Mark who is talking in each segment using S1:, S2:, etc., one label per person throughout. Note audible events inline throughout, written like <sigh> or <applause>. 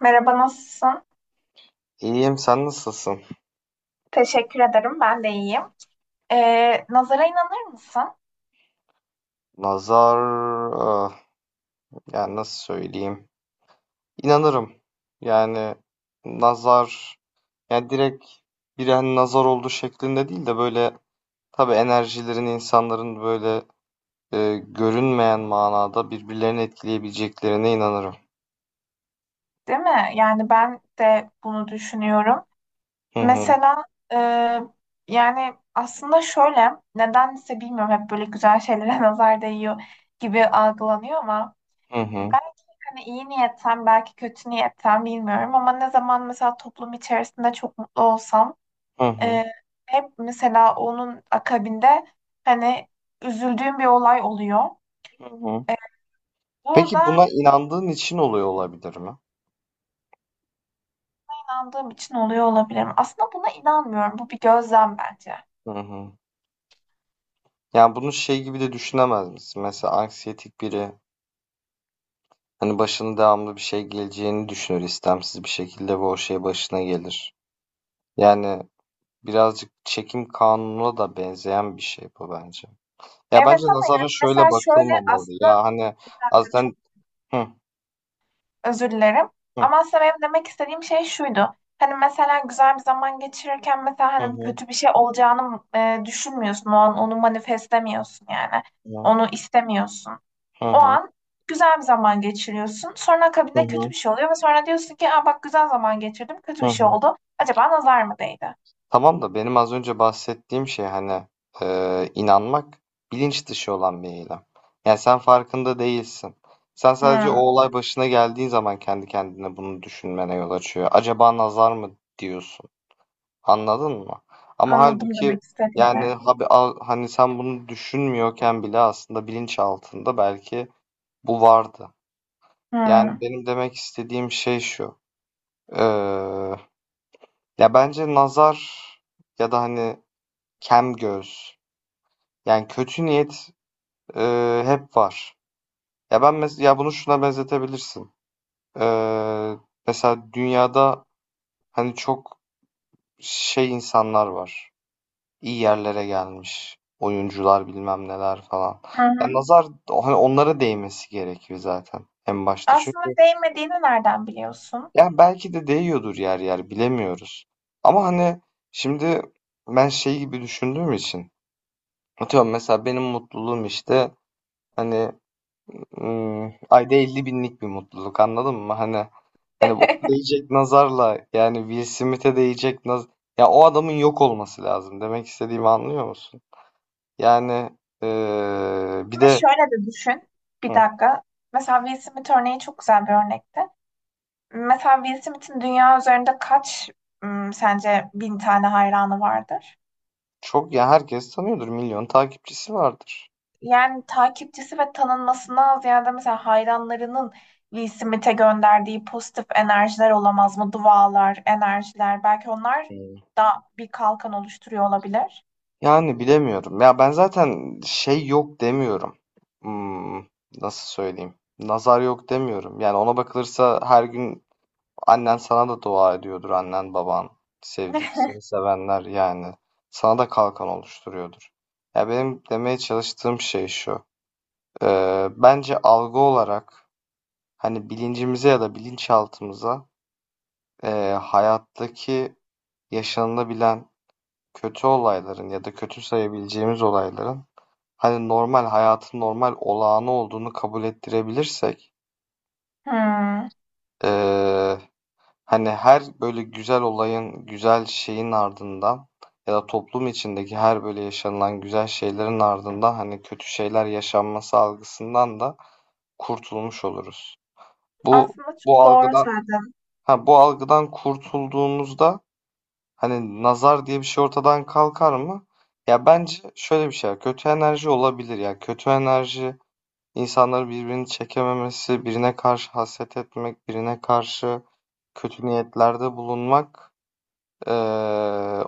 S1: Merhaba, nasılsın?
S2: İyiyim, sen nasılsın?
S1: Teşekkür ederim, ben de iyiyim. Nazara inanır mısın?
S2: Nazar, ah, yani nasıl söyleyeyim? İnanırım. Yani nazar, yani direkt birine nazar oldu şeklinde değil de böyle tabii enerjilerin insanların böyle görünmeyen manada birbirlerini etkileyebileceklerine inanırım.
S1: Değil mi? Yani ben de bunu düşünüyorum.
S2: Hı hı,
S1: Mesela e, yani aslında şöyle, nedense bilmiyorum hep böyle güzel şeylere <laughs> nazar değiyor gibi algılanıyor ama
S2: hı hı,
S1: belki hani iyi niyetten, belki kötü niyetten bilmiyorum ama ne zaman mesela toplum içerisinde çok mutlu olsam
S2: hı hı,
S1: e, hep mesela onun akabinde hani üzüldüğüm bir olay oluyor.
S2: hı hı.
S1: Burada
S2: Peki buna inandığın için oluyor olabilir mi?
S1: İnandığım için oluyor olabilirim. Aslında buna inanmıyorum. Bu bir gözlem bence.
S2: Hı hı. Yani bunu şey gibi de düşünemez misin? Mesela anksiyetik biri, hani başına devamlı bir şey geleceğini düşünür istemsiz bir şekilde ve o şey başına gelir. Yani birazcık çekim kanununa da benzeyen bir şey bu bence. Ya bence
S1: Evet ama
S2: nazara
S1: yani mesela
S2: şöyle
S1: şöyle
S2: bakılmamalı.
S1: aslında
S2: Ya hani
S1: bir dakika.
S2: azden, hı
S1: Özür dilerim.
S2: hı
S1: Ama aslında benim demek istediğim şey şuydu. Hani mesela güzel bir zaman geçirirken mesela
S2: hı,
S1: hani
S2: hı
S1: kötü bir şey olacağını düşünmüyorsun. O an onu manifestlemiyorsun yani.
S2: hı,
S1: Onu istemiyorsun.
S2: hı
S1: O
S2: hı,
S1: an güzel bir zaman geçiriyorsun. Sonra akabinde kötü bir şey oluyor ve sonra diyorsun ki, aa, bak güzel zaman geçirdim, kötü
S2: hı
S1: bir şey
S2: hı.
S1: oldu. Acaba nazar mı değdi?
S2: Tamam da benim az önce bahsettiğim şey hani, inanmak bilinç dışı olan bir eylem. Yani sen farkında değilsin. Sen sadece o
S1: Hmm,
S2: olay başına geldiği zaman kendi kendine bunu düşünmene yol açıyor. Acaba nazar mı diyorsun? Anladın mı? Ama
S1: anladım
S2: halbuki
S1: demek
S2: yani
S1: istediğini.
S2: hani sen bunu düşünmüyorken bile aslında bilinç altında belki bu vardı. Yani
S1: Hmm.
S2: benim demek istediğim şey şu. Eee, Ya bence nazar ya da hani kem göz. Yani kötü niyet, hep var. Ya, ben mes ya, bunu şuna benzetebilirsin. Eee, Mesela dünyada, hani, çok şey insanlar var. İyi yerlere gelmiş oyuncular, bilmem neler falan.
S1: Hı
S2: Ya,
S1: hı.
S2: nazar, hani, onlara değmesi gerekiyor zaten en başta.
S1: Aslında
S2: Çünkü
S1: değmediğini nereden biliyorsun?
S2: yani belki de değiyordur yer yer, bilemiyoruz. Ama, hani, şimdi ben şey gibi düşündüğüm için, atıyorum mesela benim mutluluğum, işte, hani, ayda 50 binlik bir mutluluk anladın mı? Hani ona
S1: <laughs>
S2: değecek nazarla yani Will Smith'e değecek naz, ya o adamın yok olması lazım. Demek istediğimi anlıyor musun? Yani bir
S1: Ama
S2: de
S1: şöyle de düşün. Bir
S2: hı,
S1: dakika. Mesela Will Smith örneği çok güzel bir örnekti. Mesela Will Smith'in dünya üzerinde kaç, sence bin tane hayranı vardır?
S2: çok ya herkes tanıyordur. Milyon takipçisi vardır.
S1: Yani takipçisi ve tanınmasından ziyade mesela hayranlarının Will Smith'e gönderdiği pozitif enerjiler olamaz mı? Dualar, enerjiler. Belki onlar
S2: Hmm.
S1: da bir kalkan oluşturuyor olabilir.
S2: Yani bilemiyorum. Ya ben zaten şey yok demiyorum. Hmm, nasıl söyleyeyim? Nazar yok demiyorum. Yani ona bakılırsa her gün annen sana da dua ediyordur, annen baban, sevdik seni
S1: <laughs>
S2: sevenler yani sana da kalkan oluşturuyordur. Ya benim demeye çalıştığım şey şu. Bence algı olarak hani bilincimize ya da bilinçaltımıza, hayattaki yaşanılabilen kötü olayların ya da kötü sayabileceğimiz olayların hani normal hayatın normal olağanı olduğunu kabul ettirebilirsek,
S1: Hmm.
S2: ee, hani her böyle güzel olayın, güzel şeyin ardından ya da toplum içindeki her böyle yaşanılan güzel şeylerin ardından hani kötü şeyler yaşanması algısından da kurtulmuş oluruz. Bu
S1: Aslında
S2: bu
S1: çok doğru
S2: algıdan,
S1: söyledin.
S2: ha bu algıdan kurtulduğumuzda hani nazar diye bir şey ortadan kalkar mı? Ya bence şöyle bir şey var, kötü enerji olabilir ya. Kötü enerji insanları birbirini çekememesi, birine karşı haset etmek, birine karşı kötü niyetlerde bulunmak,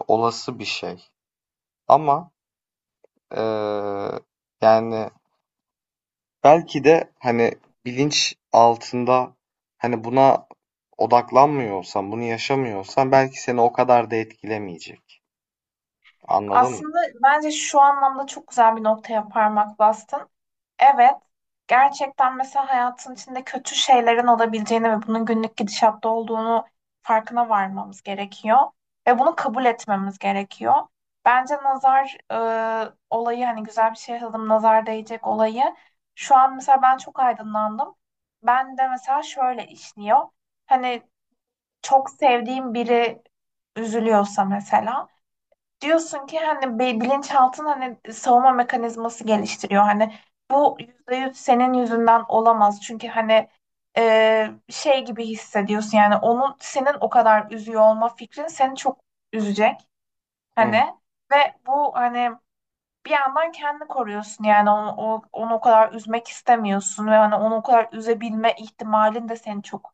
S2: olası bir şey. Ama eee, yani belki de hani bilinç altında hani buna odaklanmıyorsan, bunu yaşamıyorsan belki seni o kadar da etkilemeyecek. Anladın mı?
S1: Aslında bence şu anlamda çok güzel bir noktaya parmak bastın. Evet, gerçekten mesela hayatın içinde kötü şeylerin olabileceğini ve bunun günlük gidişatta olduğunu farkına varmamız gerekiyor ve bunu kabul etmemiz gerekiyor. Bence nazar olayı hani güzel bir şey yazalım, nazar değecek olayı. Şu an mesela ben çok aydınlandım. Ben de mesela şöyle işliyor. Hani çok sevdiğim biri üzülüyorsa mesela diyorsun ki hani bilinçaltın hani savunma mekanizması geliştiriyor. Hani bu %100 senin yüzünden olamaz. Çünkü hani şey gibi hissediyorsun yani onun senin o kadar üzüyor olma fikrin seni çok üzecek.
S2: Hı
S1: Hani ve bu hani bir yandan kendini koruyorsun yani onu o kadar üzmek istemiyorsun ve hani onu o kadar üzebilme ihtimalin de seni çok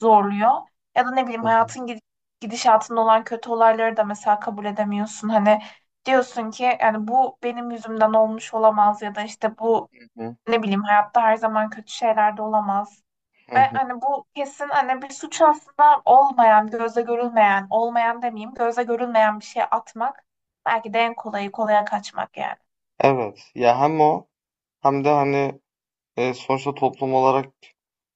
S1: zorluyor. Ya da ne bileyim
S2: hı,
S1: hayatın gidişatında olan kötü olayları da mesela kabul edemiyorsun. Hani diyorsun ki yani bu benim yüzümden olmuş olamaz ya da işte bu
S2: hı hı,
S1: ne bileyim hayatta her zaman kötü şeyler de olamaz.
S2: hı
S1: Ve
S2: hı.
S1: hani bu kesin hani bir suç aslında olmayan, gözle görülmeyen, olmayan demeyeyim, gözle görülmeyen bir şey atmak belki de en kolayı kolaya kaçmak yani.
S2: Evet. Ya hem o hem de hani, sonuçta toplum olarak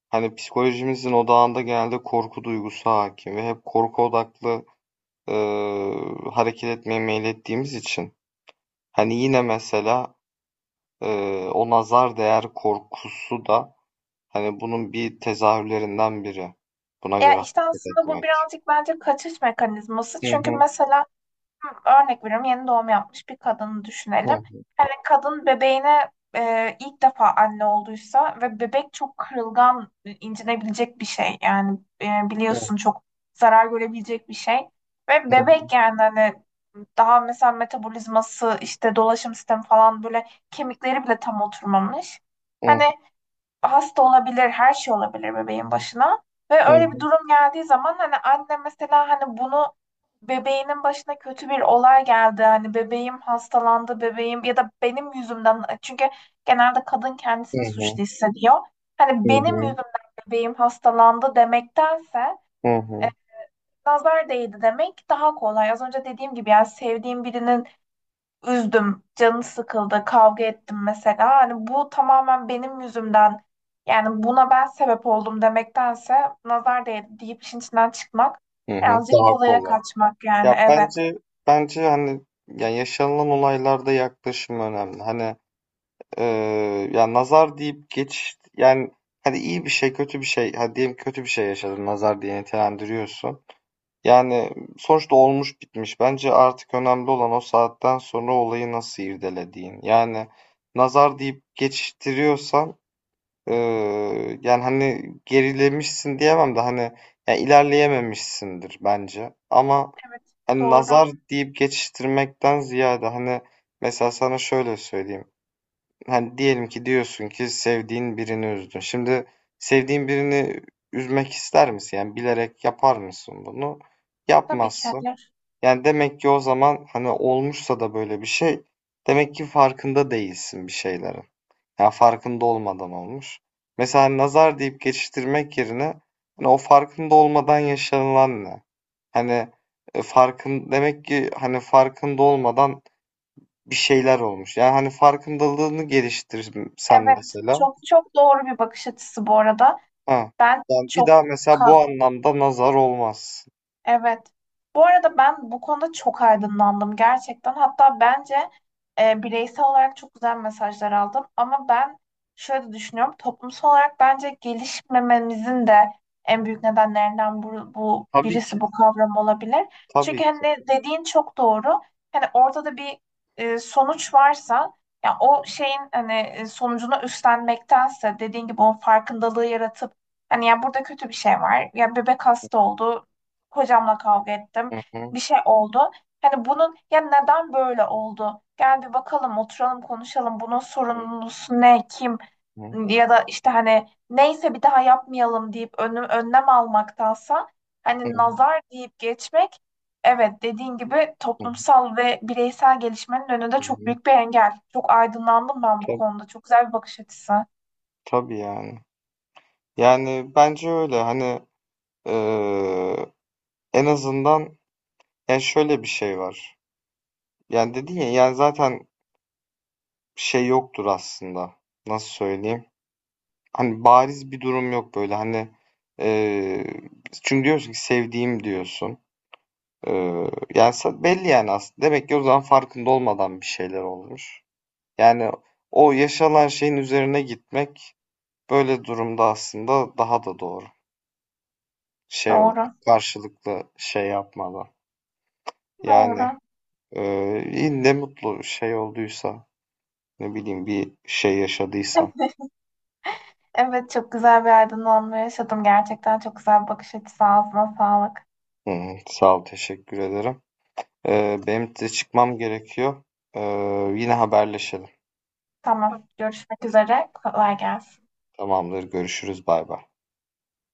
S2: hani psikolojimizin odağında genelde korku duygusu hakim ve hep korku odaklı, e, hareket etmeye meylettiğimiz için, hani yine mesela, o nazar değer korkusu da hani bunun bir tezahürlerinden biri. Buna
S1: Ya
S2: göre
S1: işte
S2: hareket
S1: aslında bu
S2: etmek.
S1: birazcık bence kaçış mekanizması.
S2: Hı
S1: Çünkü
S2: hı.
S1: mesela örnek veriyorum, yeni doğum yapmış bir kadını düşünelim.
S2: Hı
S1: Hani kadın bebeğine ilk defa anne olduysa ve bebek çok kırılgan, incinebilecek bir şey. Yani
S2: hı.
S1: biliyorsun çok zarar görebilecek bir şey. Ve bebek yani hani daha mesela metabolizması işte dolaşım sistemi falan böyle kemikleri bile tam oturmamış.
S2: Hı
S1: Hani
S2: hı.
S1: hasta olabilir, her şey olabilir bebeğin başına. Ve
S2: Hı
S1: öyle bir
S2: hı.
S1: durum geldiği zaman hani anne mesela hani bunu bebeğinin başına kötü bir olay geldi. Hani bebeğim hastalandı, bebeğim ya da benim yüzümden, çünkü genelde kadın
S2: Hı
S1: kendisini
S2: hı.
S1: suçlu hissediyor.
S2: Hı
S1: Hani benim
S2: hı.
S1: yüzümden bebeğim hastalandı demektense
S2: Hı hı.
S1: nazar değdi demek daha kolay. Az önce dediğim gibi yani sevdiğim birinin üzdüm, canı sıkıldı, kavga ettim mesela. Hani bu tamamen benim yüzümden, yani buna ben sebep oldum demektense nazar değdi deyip işin içinden çıkmak birazcık
S2: Daha
S1: kolaya
S2: kolay.
S1: kaçmak yani,
S2: Ya
S1: evet.
S2: bence hani yani yaşanılan olaylarda yaklaşım önemli. Hani, ya nazar deyip geç yani, hani iyi bir şey, kötü bir şey, hadi diyelim kötü bir şey yaşadın, nazar diye nitelendiriyorsun. Yani, sonuçta olmuş bitmiş. Bence artık önemli olan o saatten sonra olayı nasıl irdelediğin. Yani nazar deyip geçiştiriyorsan, yani, hani, gerilemişsin diyemem de, hani, ya, ilerleyememişsindir bence. Ama,
S1: Evet,
S2: hani,
S1: doğru.
S2: nazar deyip geçiştirmekten ziyade, hani, mesela sana şöyle söyleyeyim. Hani, diyelim ki diyorsun ki sevdiğin birini üzdün. Şimdi sevdiğin birini üzmek ister misin? Yani bilerek yapar mısın bunu?
S1: Tabii ki
S2: Yapmazsın.
S1: hayır.
S2: Yani, demek ki o zaman, hani, olmuşsa da böyle bir şey, demek ki farkında değilsin bir şeylerin. Yani farkında olmadan olmuş. Mesela nazar deyip geçiştirmek yerine, hani, o farkında olmadan yaşanılan ne? Hani, demek ki, hani, farkında olmadan bir şeyler olmuş. Yani, hani, farkındalığını geliştirsen
S1: Evet,
S2: mesela.
S1: çok çok doğru bir bakış açısı bu arada.
S2: Ha.
S1: Ben
S2: Yani, bir
S1: çok
S2: daha mesela bu
S1: ka-
S2: anlamda nazar olmaz.
S1: evet. Bu arada ben bu konuda çok aydınlandım gerçekten. Hatta bence bireysel olarak çok güzel mesajlar aldım. Ama ben şöyle düşünüyorum. Toplumsal olarak bence gelişmememizin de en büyük nedenlerinden bu,
S2: Tabii ki,
S1: birisi bu kavram olabilir. Çünkü
S2: tabii ki.
S1: hani dediğin çok doğru. Hani ortada bir sonuç varsa, ya o şeyin hani sonucunu üstlenmektense dediğin gibi o farkındalığı yaratıp, hani ya burada kötü bir şey var. Ya bebek hasta oldu. Hocamla kavga ettim.
S2: Hı hı.
S1: Bir şey oldu. Hani bunun ya neden böyle oldu? Gel bir bakalım, oturalım, konuşalım. Bunun
S2: Hı hı.
S1: sorumlusu ne, kim?
S2: Hı hı.
S1: Ya da işte hani neyse bir daha yapmayalım deyip önlem almaktansa hani nazar deyip geçmek, evet, dediğin gibi
S2: Hı hı.
S1: toplumsal ve bireysel gelişmenin önünde
S2: Hı
S1: çok
S2: hı.
S1: büyük bir engel. Çok aydınlandım ben bu konuda. Çok güzel bir bakış açısı.
S2: Tabii yani. Yani bence öyle hani, eee, en azından yani şöyle bir şey var. Yani dedin ya yani zaten şey yoktur aslında. Nasıl söyleyeyim? Hani bariz bir durum yok böyle hani, eee, çünkü diyorsun ki sevdiğim diyorsun. Eee, Yani belli yani aslında. Demek ki o zaman farkında olmadan bir şeyler olmuş. Yani o yaşanan şeyin üzerine gitmek böyle durumda aslında daha da doğru. Şey olarak
S1: Doğru.
S2: karşılıklı şey yapmadan. Yani
S1: Doğru.
S2: iyi, ne mutlu şey olduysa, ne bileyim bir şey yaşadıysa.
S1: Evet, çok güzel bir aydınlanma yaşadım. Gerçekten çok güzel bir bakış açısı. Ağzına sağlık.
S2: Hı, sağ ol, teşekkür ederim. Benim de çıkmam gerekiyor. Yine haberleşelim.
S1: Tamam. Görüşmek üzere. Kolay gelsin.
S2: Tamamdır, görüşürüz, bay bay.